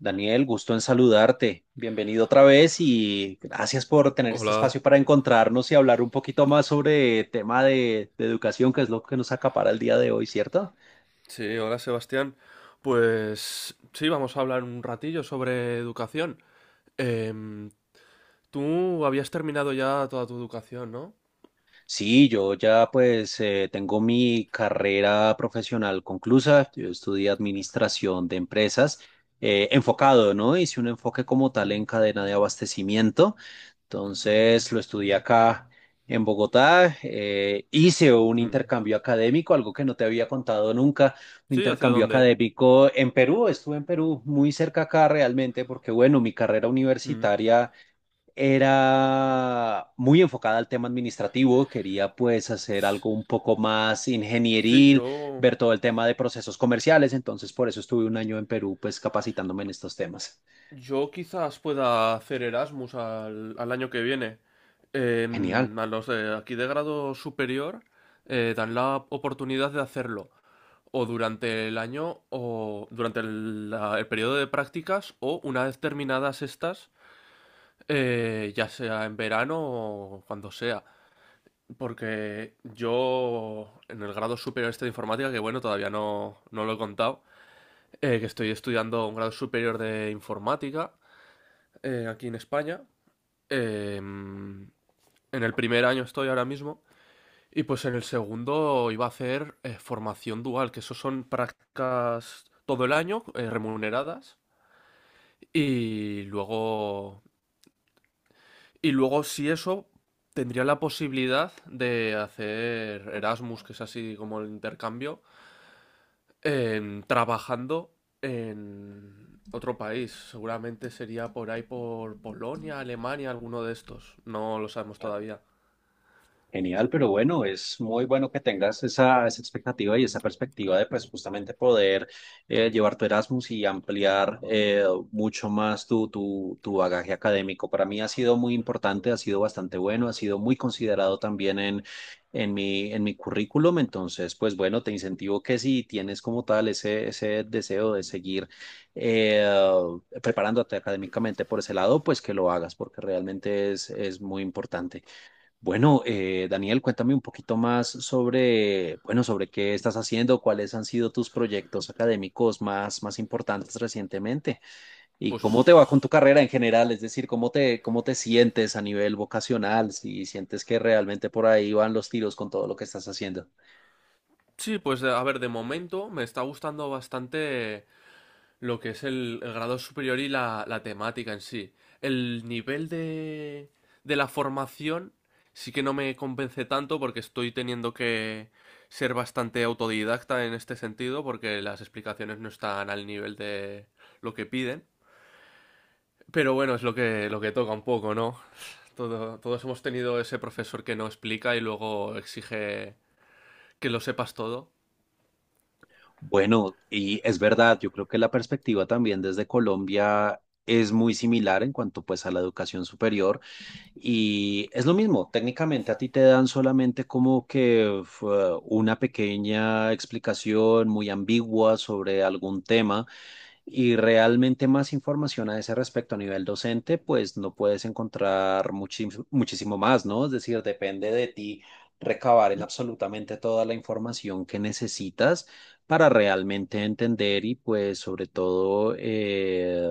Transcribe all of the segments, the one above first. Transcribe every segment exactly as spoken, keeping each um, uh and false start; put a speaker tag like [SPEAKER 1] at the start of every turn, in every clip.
[SPEAKER 1] Daniel, gusto en saludarte. Bienvenido otra vez y gracias por tener este
[SPEAKER 2] Hola,
[SPEAKER 1] espacio para encontrarnos y hablar un poquito más sobre tema de, de educación, que es lo que nos acapara el día de hoy, ¿cierto?
[SPEAKER 2] sí, hola Sebastián. Pues sí, vamos a hablar un ratillo sobre educación. Em, Tú habías terminado ya toda tu educación, ¿no?
[SPEAKER 1] Sí, yo ya pues eh, tengo mi carrera profesional conclusa. Yo estudié administración de empresas eh, enfocado, ¿no? Hice un enfoque como tal en cadena de abastecimiento. Entonces lo estudié acá en Bogotá, eh, hice un
[SPEAKER 2] Mm.
[SPEAKER 1] intercambio académico, algo que no te había contado nunca, un
[SPEAKER 2] Sí, ¿hacia
[SPEAKER 1] intercambio
[SPEAKER 2] dónde?
[SPEAKER 1] académico en Perú, estuve en Perú muy cerca acá realmente, porque bueno, mi carrera
[SPEAKER 2] Mm.
[SPEAKER 1] universitaria era muy enfocada al tema administrativo, quería pues hacer algo un poco más
[SPEAKER 2] Sí,
[SPEAKER 1] ingenieril,
[SPEAKER 2] yo,
[SPEAKER 1] ver todo el tema de procesos comerciales, entonces por eso estuve un año en Perú pues capacitándome en estos temas.
[SPEAKER 2] yo quizás pueda hacer Erasmus al, al año que viene.
[SPEAKER 1] Genial.
[SPEAKER 2] Em, a los de aquí de grado superior eh, dan la oportunidad de hacerlo, o durante el año o durante el, la- el periodo de prácticas o una vez terminadas estas, eh, ya sea en verano o cuando sea. Porque yo en el grado superior este de informática, que bueno, todavía no, no lo he contado, eh, que estoy estudiando un grado superior de informática eh, aquí en España. eh, en el primer año estoy ahora mismo. Y pues en el segundo iba a hacer eh, formación dual, que eso son prácticas todo el año, eh, remuneradas. Y luego, y luego si eso, tendría la posibilidad de hacer Erasmus, que es así como el intercambio, en- trabajando en otro país. Seguramente sería por ahí por Polonia, Alemania, alguno de estos. No lo sabemos todavía.
[SPEAKER 1] Genial, pero bueno, es muy bueno que tengas esa, esa expectativa y esa perspectiva de pues justamente poder eh, llevar tu Erasmus y ampliar eh, mucho más tu, tu, tu bagaje académico. Para mí ha sido muy importante, ha sido bastante bueno, ha sido muy considerado también en, en mi, en mi currículum. Entonces, pues bueno, te incentivo que si tienes como tal ese, ese deseo de seguir eh, preparándote académicamente por ese lado, pues que lo hagas porque realmente es, es muy importante. Bueno, eh, Daniel, cuéntame un poquito más sobre, bueno, sobre qué estás haciendo, cuáles han sido tus proyectos académicos más, más importantes recientemente y
[SPEAKER 2] Pues
[SPEAKER 1] cómo te va con tu carrera en general, es decir, cómo te, cómo te sientes a nivel vocacional, si sientes que realmente por ahí van los tiros con todo lo que estás haciendo.
[SPEAKER 2] sí, pues a ver, de momento me está gustando bastante lo que es el, el grado superior y la, la temática en sí. El nivel de, de la formación sí que no me convence tanto porque estoy teniendo que ser bastante autodidacta en este sentido porque las explicaciones no están al nivel de lo que piden. Pero bueno, es lo que, lo que toca un poco, ¿no? Todo, todos hemos tenido ese profesor que no explica y luego exige que lo sepas todo.
[SPEAKER 1] Bueno, y es verdad, yo creo que la perspectiva también desde Colombia es muy similar en cuanto pues a la educación superior. Y es lo mismo, técnicamente a ti te dan solamente como que fue una pequeña explicación muy ambigua sobre algún tema y realmente más información a ese respecto a nivel docente, pues no puedes encontrar muchis- muchísimo más, ¿no? Es decir, depende de ti recabar en absolutamente toda la información que necesitas para realmente entender y pues sobre todo eh,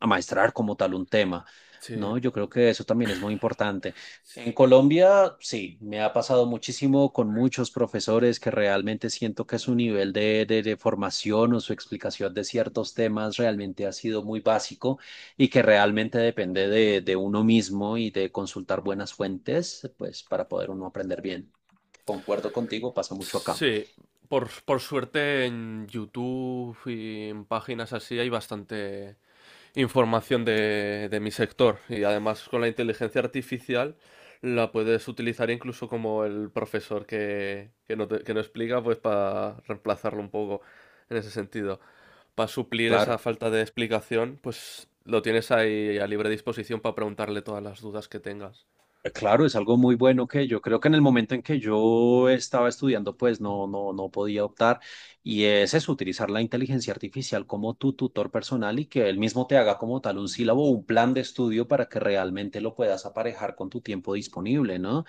[SPEAKER 1] amaestrar como tal un tema,
[SPEAKER 2] Sí,
[SPEAKER 1] ¿no? Yo creo que eso también es muy importante. En Colombia, sí, me ha pasado muchísimo con muchos profesores que realmente siento que su nivel de, de, de formación o su explicación de ciertos temas realmente ha sido muy básico y que realmente depende de, de uno mismo y de consultar buenas fuentes, pues para poder uno aprender bien. Concuerdo contigo, pasa mucho acá.
[SPEAKER 2] Sí, por, por suerte en YouTube y en páginas así hay bastante información de, de mi sector, y además con la inteligencia artificial la puedes utilizar incluso como el profesor que, que no, te- que no explica, pues para reemplazarlo un poco en ese sentido. Para suplir esa
[SPEAKER 1] Claro.
[SPEAKER 2] falta de explicación, pues lo tienes ahí a libre disposición para preguntarle todas las dudas que tengas.
[SPEAKER 1] Eh, Claro, es algo muy bueno que yo creo que en el momento en que yo estaba estudiando, pues no, no, no podía optar. Y es eso, utilizar la inteligencia artificial como tu tutor personal y que él mismo te haga como tal un sílabo, o un plan de estudio para que realmente lo puedas aparejar con tu tiempo disponible, ¿no?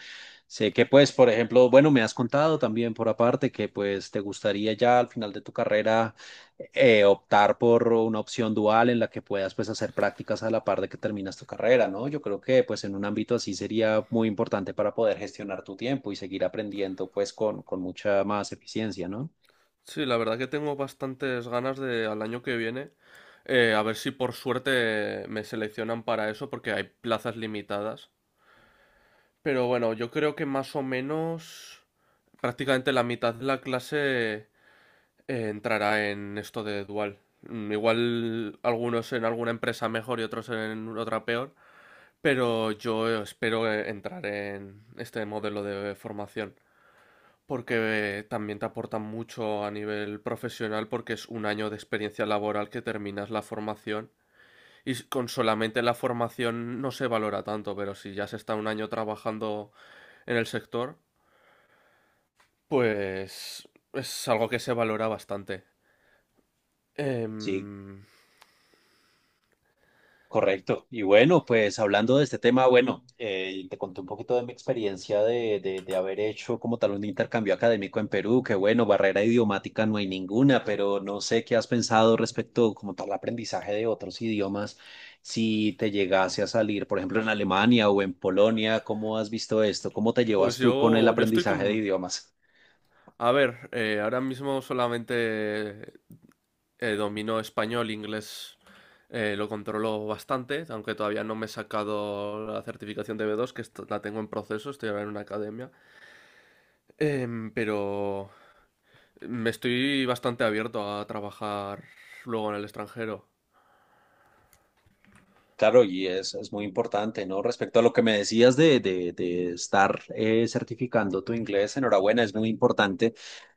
[SPEAKER 1] Sé que pues, por ejemplo, bueno, me has contado también por aparte que pues te gustaría ya al final de tu carrera eh, optar por una opción dual en la que puedas pues hacer prácticas a la par de que terminas tu carrera, ¿no? Yo creo que pues en un ámbito así sería muy importante para poder gestionar tu tiempo y seguir aprendiendo pues con, con mucha más eficiencia, ¿no?
[SPEAKER 2] Sí, la verdad que tengo bastantes ganas de al año que viene, eh, a ver si por suerte me seleccionan para eso, porque hay plazas limitadas. Pero bueno, yo creo que más o menos prácticamente la mitad de la clase eh, entrará en esto de dual. Mm, igual algunos en alguna empresa mejor y otros en otra peor, pero yo espero eh, entrar en este modelo de formación. Porque eh, también te aportan mucho a nivel profesional, porque es un año de experiencia laboral, que terminas la formación y s- con solamente la formación no se valora tanto, pero si ya se está un año trabajando en el sector, pues es algo que se valora bastante.
[SPEAKER 1] Sí,
[SPEAKER 2] Em,
[SPEAKER 1] correcto. Y bueno, pues hablando de este tema, bueno, eh, te conté un poquito de mi experiencia de, de, de haber hecho como tal un intercambio académico en Perú, que bueno, barrera idiomática no hay ninguna, pero no sé qué has pensado respecto como tal aprendizaje de otros idiomas. Si te llegase a salir, por ejemplo, en Alemania o en Polonia, ¿cómo has visto esto? ¿Cómo te
[SPEAKER 2] pues
[SPEAKER 1] llevas tú con el
[SPEAKER 2] yo, yo estoy
[SPEAKER 1] aprendizaje de
[SPEAKER 2] con,
[SPEAKER 1] idiomas?
[SPEAKER 2] a ver, eh, ahora mismo solamente eh, domino español, inglés, eh, lo controlo bastante, aunque todavía no me he sacado la certificación de B dos, que est- la tengo en proceso, estoy ahora en una academia. Em, pero me estoy bastante abierto a trabajar luego en el extranjero.
[SPEAKER 1] Claro, y es, es muy importante, ¿no? Respecto a lo que me decías de, de, de estar eh, certificando tu inglés, enhorabuena, es muy importante.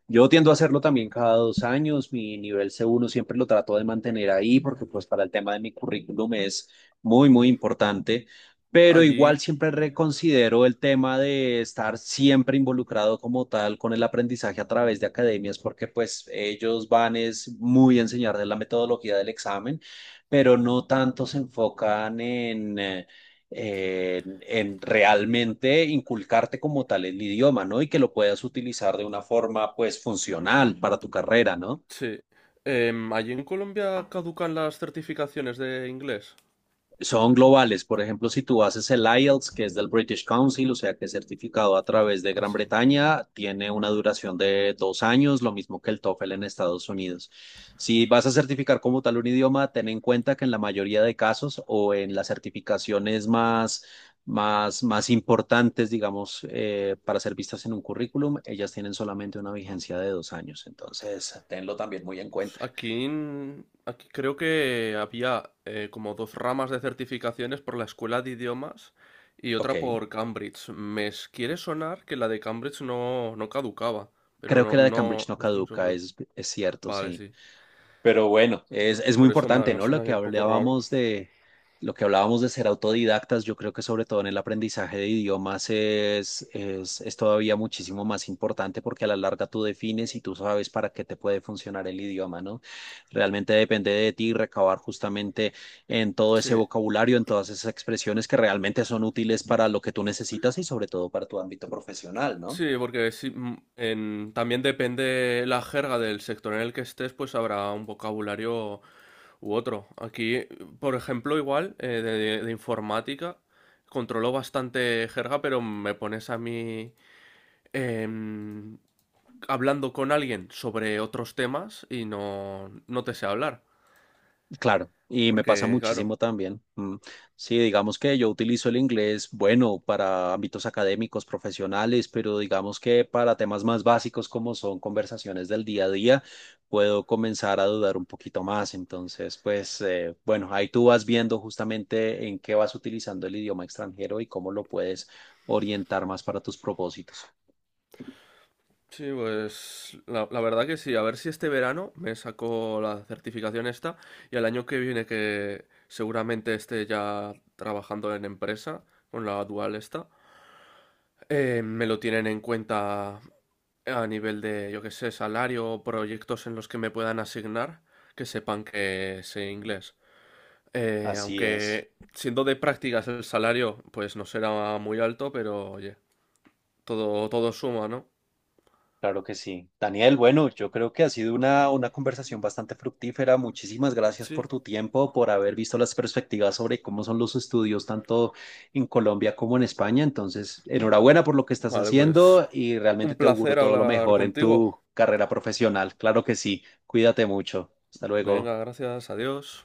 [SPEAKER 1] Yo tiendo a hacerlo también cada dos años. Mi nivel C uno siempre lo trato de mantener ahí porque pues para el tema de mi currículum es muy, muy importante. Pero
[SPEAKER 2] Allí,
[SPEAKER 1] igual siempre reconsidero el tema de estar siempre involucrado como tal con el aprendizaje a través de academias porque pues ellos van es muy a enseñar de la metodología del examen, pero no tanto se enfocan en... eh, eh, en realmente inculcarte como tal el idioma, ¿no? Y que lo puedas utilizar de una forma, pues, funcional para tu carrera, ¿no?
[SPEAKER 2] sí. Em, allí en Colombia caducan las certificaciones de inglés.
[SPEAKER 1] Son globales. Por ejemplo, si tú haces el ayelts, que es del British Council, o sea que es certificado a través de Gran
[SPEAKER 2] Así.
[SPEAKER 1] Bretaña, tiene una duración de dos años, lo mismo que el TOEFL en Estados Unidos. Si vas a certificar como tal un idioma, ten en cuenta que en la mayoría de casos o en las certificaciones más, más, más importantes, digamos, eh, para ser vistas en un currículum, ellas tienen solamente una vigencia de dos años. Entonces, tenlo también muy en
[SPEAKER 2] Pues
[SPEAKER 1] cuenta.
[SPEAKER 2] aquí, en- aquí creo que había eh, como dos ramas de certificaciones por la escuela de idiomas y
[SPEAKER 1] Ok.
[SPEAKER 2] otra por Cambridge. Me s- quiere sonar que la de Cambridge no, no caducaba, pero
[SPEAKER 1] Creo que
[SPEAKER 2] no,
[SPEAKER 1] la de
[SPEAKER 2] no,
[SPEAKER 1] Cambridge no
[SPEAKER 2] no estoy muy
[SPEAKER 1] caduca,
[SPEAKER 2] seguro.
[SPEAKER 1] es, es cierto,
[SPEAKER 2] Vale,
[SPEAKER 1] sí.
[SPEAKER 2] sí.
[SPEAKER 1] Pero bueno,
[SPEAKER 2] Sí,
[SPEAKER 1] es,
[SPEAKER 2] por,
[SPEAKER 1] es muy
[SPEAKER 2] por eso me, ha-
[SPEAKER 1] importante,
[SPEAKER 2] me
[SPEAKER 1] ¿no? Lo que
[SPEAKER 2] ha un poco raro.
[SPEAKER 1] hablábamos de, lo que hablábamos de ser autodidactas, yo creo que sobre todo en el aprendizaje de idiomas es, es, es todavía muchísimo más importante porque a la larga tú defines y tú sabes para qué te puede funcionar el idioma, ¿no? Realmente depende de ti recabar justamente en todo ese
[SPEAKER 2] Sí,
[SPEAKER 1] vocabulario, en todas esas expresiones que realmente son útiles para lo que tú necesitas y sobre todo para tu ámbito profesional, ¿no?
[SPEAKER 2] sí, porque sí, mm, en- también depende la jerga del sector en el que estés, pues habrá un vocabulario u otro. Aquí, por ejemplo, igual, eh, de, de informática, controlo bastante jerga, pero me pones a mí em, hablando con alguien sobre otros temas y no, no te sé hablar.
[SPEAKER 1] Claro, y me pasa
[SPEAKER 2] Porque, claro.
[SPEAKER 1] muchísimo también. Mm, sí, digamos que yo utilizo el inglés, bueno, para ámbitos académicos, profesionales, pero digamos que para temas más básicos como son conversaciones del día a día, puedo comenzar a dudar un poquito más. Entonces, pues, eh, bueno, ahí tú vas viendo justamente en qué vas utilizando el idioma extranjero y cómo lo puedes orientar más para tus propósitos.
[SPEAKER 2] Sí, pues la, la verdad que sí. A ver si este verano me saco la certificación esta, y al año que viene que seguramente esté ya trabajando en empresa con la dual esta, Eh, me lo tienen en cuenta a nivel de, yo qué sé, salario o proyectos en los que me puedan asignar, que sepan que sé inglés. Eh,
[SPEAKER 1] Así es,
[SPEAKER 2] aunque siendo de prácticas el salario, pues no será muy alto, pero oye, todo, todo suma, ¿no?
[SPEAKER 1] claro que sí. Daniel, bueno, yo creo que ha sido una, una conversación bastante fructífera. Muchísimas gracias por
[SPEAKER 2] Sí.
[SPEAKER 1] tu tiempo, por haber visto las perspectivas sobre cómo son los estudios tanto en Colombia como en España. Entonces, enhorabuena por lo que estás
[SPEAKER 2] Vale, pues
[SPEAKER 1] haciendo y
[SPEAKER 2] un
[SPEAKER 1] realmente te auguro
[SPEAKER 2] placer
[SPEAKER 1] todo lo
[SPEAKER 2] hablar
[SPEAKER 1] mejor en
[SPEAKER 2] contigo.
[SPEAKER 1] tu carrera profesional. Claro que sí. Cuídate mucho. Hasta luego.
[SPEAKER 2] Venga, gracias, adiós.